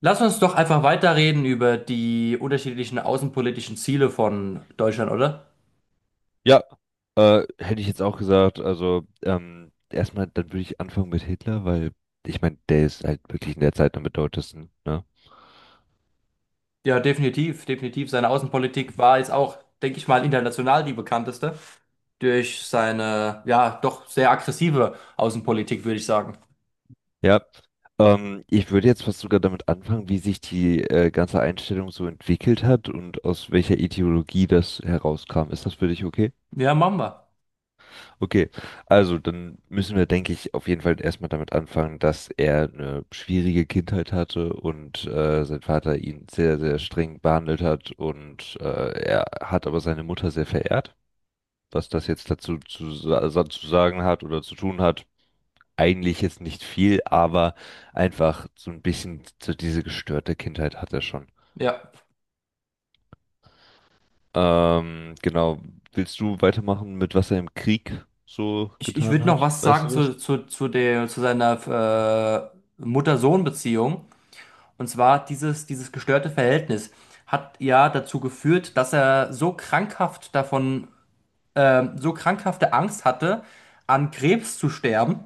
Lass uns doch einfach weiterreden über die unterschiedlichen außenpolitischen Ziele von Deutschland, oder? Ja, hätte ich jetzt auch gesagt. Also, erstmal, dann würde ich anfangen mit Hitler, weil ich meine, der ist halt wirklich in der Zeit am bedeutendsten, ne? Ja, definitiv, definitiv. Seine Außenpolitik war jetzt auch, denke ich mal, international die bekannteste durch seine, ja, doch sehr aggressive Außenpolitik, würde ich sagen. Ja. Ich würde jetzt fast sogar damit anfangen, wie sich die ganze Einstellung so entwickelt hat und aus welcher Ideologie das herauskam. Ist das für dich okay? Ja, machen wir. Okay, also dann müssen wir, denke ich, auf jeden Fall erstmal damit anfangen, dass er eine schwierige Kindheit hatte und sein Vater ihn sehr, sehr streng behandelt hat und er hat aber seine Mutter sehr verehrt. Was das jetzt dazu zu sagen hat oder zu tun hat, eigentlich jetzt nicht viel, aber einfach so ein bisschen so diese gestörte Kindheit hat er schon. Ja. Genau, willst du weitermachen mit was er im Krieg so Ich getan würde noch hat? was Weißt sagen du das? zu seiner Mutter-Sohn-Beziehung. Und zwar dieses gestörte Verhältnis hat ja dazu geführt, dass er so krankhaft davon so krankhafte Angst hatte, an Krebs zu sterben,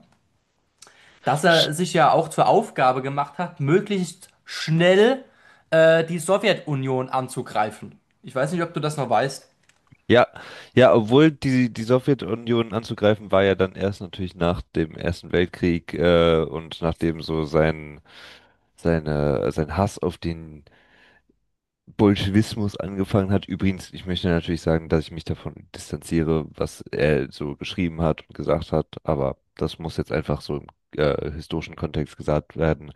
dass er sich ja auch zur Aufgabe gemacht hat, möglichst schnell die Sowjetunion anzugreifen. Ich weiß nicht, ob du das noch weißt. Ja, ja, obwohl die Sowjetunion anzugreifen war ja dann erst natürlich nach dem Ersten Weltkrieg und nachdem so sein, sein Hass auf den Bolschewismus angefangen hat. Übrigens, ich möchte natürlich sagen, dass ich mich davon distanziere, was er so geschrieben hat und gesagt hat, aber das muss jetzt einfach so im historischen Kontext gesagt werden.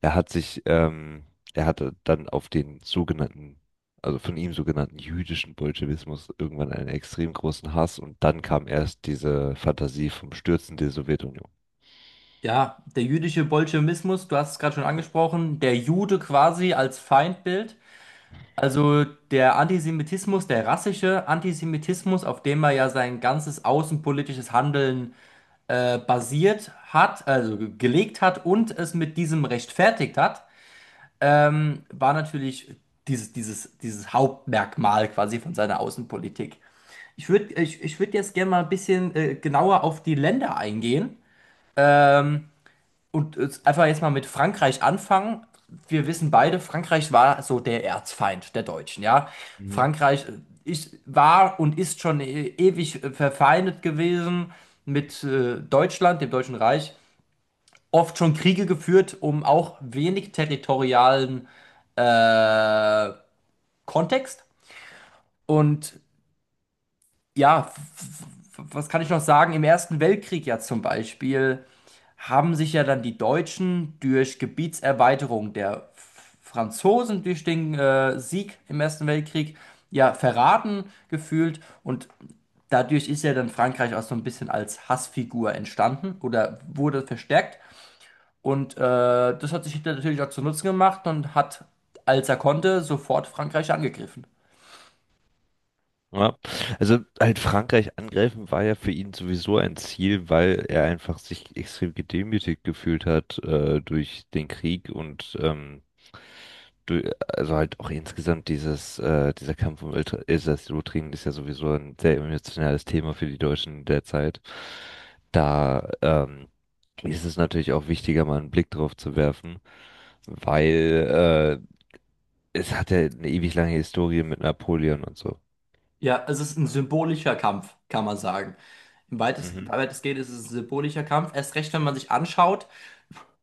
Er hat sich, ähm, Er hatte dann auf den sogenannten, also von ihm sogenannten jüdischen Bolschewismus irgendwann einen extrem großen Hass und dann kam erst diese Fantasie vom Stürzen der Sowjetunion. Ja, der jüdische Bolschewismus, du hast es gerade schon angesprochen, der Jude quasi als Feindbild. Also der Antisemitismus, der rassische Antisemitismus, auf dem er ja sein ganzes außenpolitisches Handeln basiert hat, also gelegt hat und es mit diesem rechtfertigt hat, war natürlich dieses Hauptmerkmal quasi von seiner Außenpolitik. Ich würd jetzt gerne mal ein bisschen genauer auf die Länder eingehen und einfach jetzt mal mit Frankreich anfangen. Wir wissen beide, Frankreich war so der Erzfeind der Deutschen, ja. Mhm. Frankreich war und ist schon ewig verfeindet gewesen mit Deutschland, dem Deutschen Reich. Oft schon Kriege geführt, um auch wenig territorialen Kontext. Und ja, was kann ich noch sagen? Im Ersten Weltkrieg ja zum Beispiel haben sich ja dann die Deutschen durch Gebietserweiterung der Franzosen durch den Sieg im Ersten Weltkrieg ja verraten gefühlt und dadurch ist ja dann Frankreich auch so ein bisschen als Hassfigur entstanden oder wurde verstärkt und das hat sich Hitler natürlich auch zu Nutzen gemacht und hat, als er konnte, sofort Frankreich angegriffen. Ja. Also halt Frankreich angreifen war ja für ihn sowieso ein Ziel, weil er einfach sich extrem gedemütigt gefühlt hat durch den Krieg und du, also halt auch insgesamt dieser Kampf um Elsass-Lothringen ist ja sowieso ein sehr emotionales Thema für die Deutschen derzeit. Da ist es natürlich auch wichtiger, mal einen Blick drauf zu werfen, weil es hat ja eine ewig lange Historie mit Napoleon und so. Ja, es ist ein symbolischer Kampf, kann man sagen. Mhm. Weitestgehend ist es ein symbolischer Kampf. Erst recht, wenn man sich anschaut,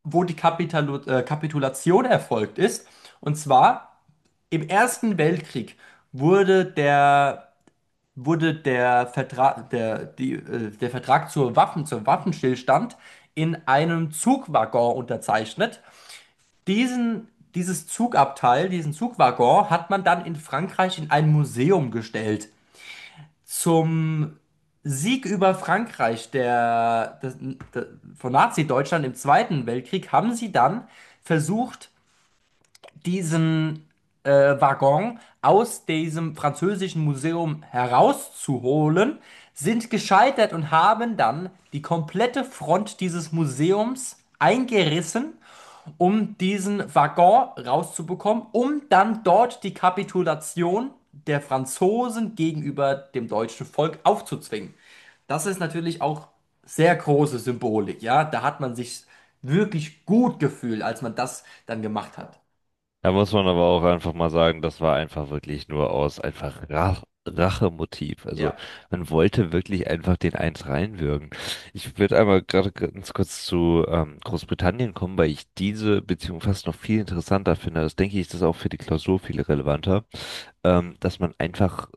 wo die Kapitalu Kapitulation erfolgt ist. Und zwar im Ersten Weltkrieg wurde der, wurde der der Vertrag zur zum Waffenstillstand in einem Zugwaggon unterzeichnet. Diesen, Dieses diesen Zugwaggon hat man dann in Frankreich in ein Museum gestellt. Zum Sieg über Frankreich der, des- de- von Nazi-Deutschland im Zweiten Weltkrieg haben sie dann versucht, diesen Waggon aus diesem französischen Museum herauszuholen, sind gescheitert und haben dann die komplette Front dieses Museums eingerissen, um diesen Waggon rauszubekommen, um dann dort die Kapitulation der Franzosen gegenüber dem deutschen Volk aufzuzwingen. Das ist natürlich auch sehr große Symbolik, ja. Da hat man sich wirklich gut gefühlt, als man das dann gemacht hat. Da muss man aber auch einfach mal sagen, das war einfach wirklich nur aus einfach Rachemotiv. Also Ja. man wollte wirklich einfach den Eins reinwürgen. Ich würde einmal gerade ganz kurz zu Großbritannien kommen, weil ich diese Beziehung fast noch viel interessanter finde. Das denke ich, ist das auch für die Klausur viel relevanter, dass man einfach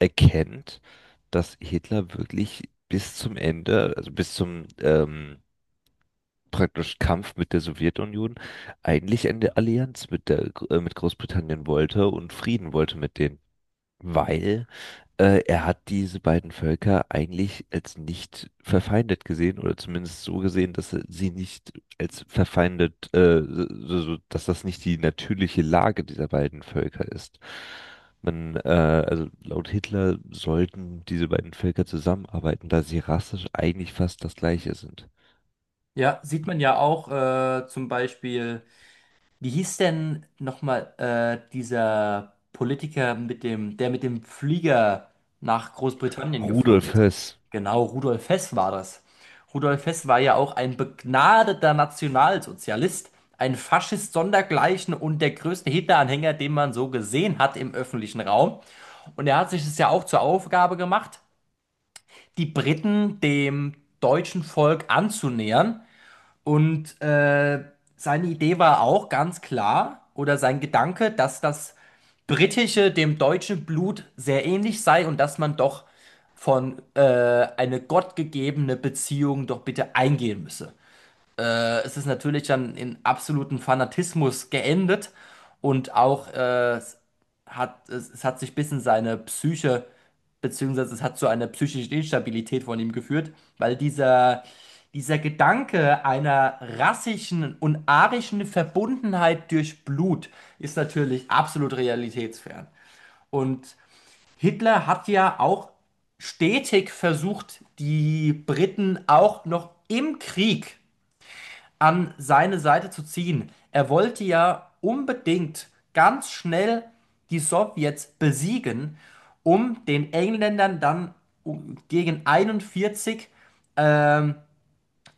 erkennt, dass Hitler wirklich bis zum Ende, also bis zum praktisch Kampf mit der Sowjetunion eigentlich eine Allianz mit Großbritannien wollte und Frieden wollte mit denen. Weil er hat diese beiden Völker eigentlich als nicht verfeindet gesehen oder zumindest so gesehen, dass er sie nicht als verfeindet, dass das nicht die natürliche Lage dieser beiden Völker ist. Also laut Hitler sollten diese beiden Völker zusammenarbeiten, da sie rassisch eigentlich fast das gleiche sind. Ja, sieht man ja auch zum Beispiel. Wie hieß denn nochmal dieser Politiker mit der mit dem Flieger nach Großbritannien geflogen Rudolf ist? Höss, Genau, Rudolf Hess war das. Rudolf Hess war ja auch ein begnadeter Nationalsozialist, ein Faschist sondergleichen und der größte Hitler-Anhänger, den man so gesehen hat im öffentlichen Raum. Und er hat sich es ja auch zur Aufgabe gemacht, die Briten dem deutschen Volk anzunähern und seine Idee war auch ganz klar, oder sein Gedanke, dass das britische dem deutschen Blut sehr ähnlich sei und dass man doch von eine gottgegebene Beziehung doch bitte eingehen müsse. Es ist natürlich dann in absoluten Fanatismus geendet und auch es hat sich ein bisschen seine Psyche, beziehungsweise es hat zu einer psychischen Instabilität von ihm geführt, weil dieser Gedanke einer rassischen und arischen Verbundenheit durch Blut ist natürlich absolut realitätsfern. Und Hitler hat ja auch stetig versucht, die Briten auch noch im Krieg an seine Seite zu ziehen. Er wollte ja unbedingt ganz schnell die Sowjets besiegen, um den Engländern dann gegen 41 ähm,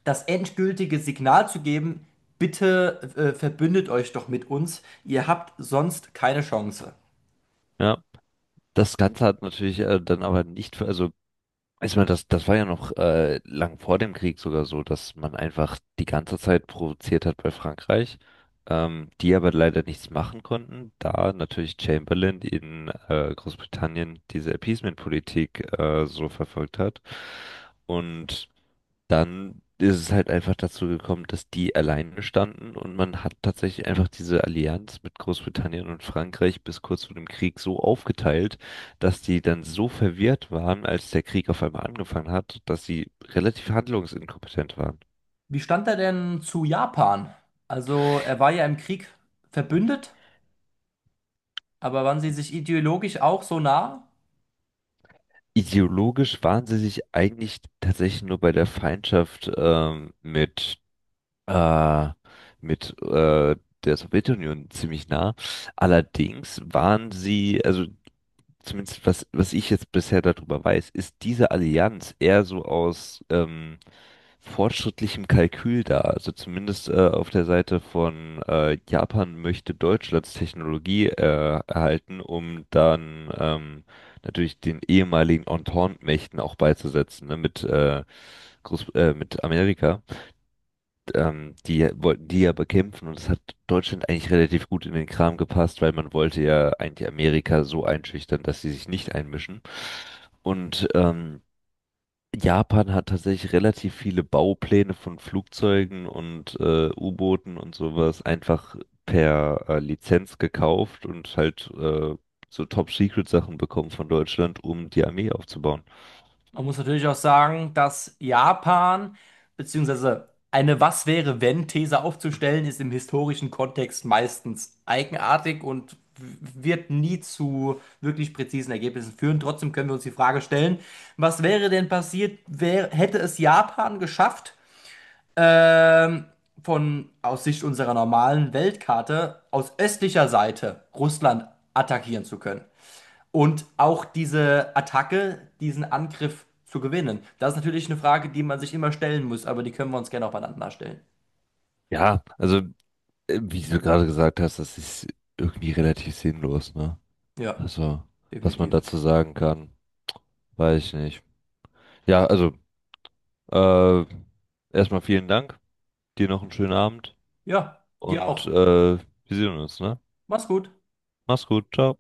das endgültige Signal zu geben, bitte verbündet euch doch mit uns, ihr habt sonst keine Chance. ja. Das Ganze hat natürlich dann aber nicht, also ich meine, das war ja noch lang vor dem Krieg sogar so, dass man einfach die ganze Zeit provoziert hat bei Frankreich, die aber leider nichts machen konnten, da natürlich Chamberlain in Großbritannien diese Appeasement-Politik so verfolgt hat. Und dann ist es halt einfach dazu gekommen, dass die alleine standen und man hat tatsächlich einfach diese Allianz mit Großbritannien und Frankreich bis kurz vor dem Krieg so aufgeteilt, dass die dann so verwirrt waren, als der Krieg auf einmal angefangen hat, dass sie relativ handlungsinkompetent waren. Wie stand er denn zu Japan? Also er war ja im Krieg verbündet, aber waren sie sich ideologisch auch so nah? Ideologisch waren sie sich eigentlich tatsächlich nur bei der Feindschaft äh, mit der Sowjetunion ziemlich nah. Allerdings waren sie, also zumindest was, was ich jetzt bisher darüber weiß, ist diese Allianz eher so aus fortschrittlichem Kalkül da. Also zumindest auf der Seite von Japan möchte Deutschlands Technologie erhalten, um dann natürlich den ehemaligen Entente-Mächten auch beizusetzen, ne, mit Amerika die wollten die ja bekämpfen und es hat Deutschland eigentlich relativ gut in den Kram gepasst, weil man wollte ja eigentlich Amerika so einschüchtern, dass sie sich nicht einmischen. Und Japan hat tatsächlich relativ viele Baupläne von Flugzeugen und U-Booten und sowas einfach per Lizenz gekauft und halt so Top-Secret-Sachen bekommen von Deutschland, um die Armee aufzubauen. Man muss natürlich auch sagen, dass Japan, beziehungsweise eine Was wäre, wenn These aufzustellen ist im historischen Kontext meistens eigenartig und wird nie zu wirklich präzisen Ergebnissen führen Trotzdem können wir uns die Frage stellen, was wäre denn passiert, hätte es Japan geschafft, ähm, von aus Sicht unserer normalen Weltkarte aus östlicher Seite Russland attackieren zu können. Und auch diese Attacke, diesen Angriff zu gewinnen. Das ist natürlich eine Frage, die man sich immer stellen muss, aber die können wir uns gerne auch beieinander stellen. Ja, also wie du gerade gesagt hast, das ist irgendwie relativ sinnlos, ne? Ja, Also, was man definitiv. dazu sagen kann, weiß ich nicht. Ja, also, äh, erstmal vielen Dank, dir noch einen schönen Abend Ja, dir und auch. wir sehen uns, ne? Mach's gut. Mach's gut, ciao.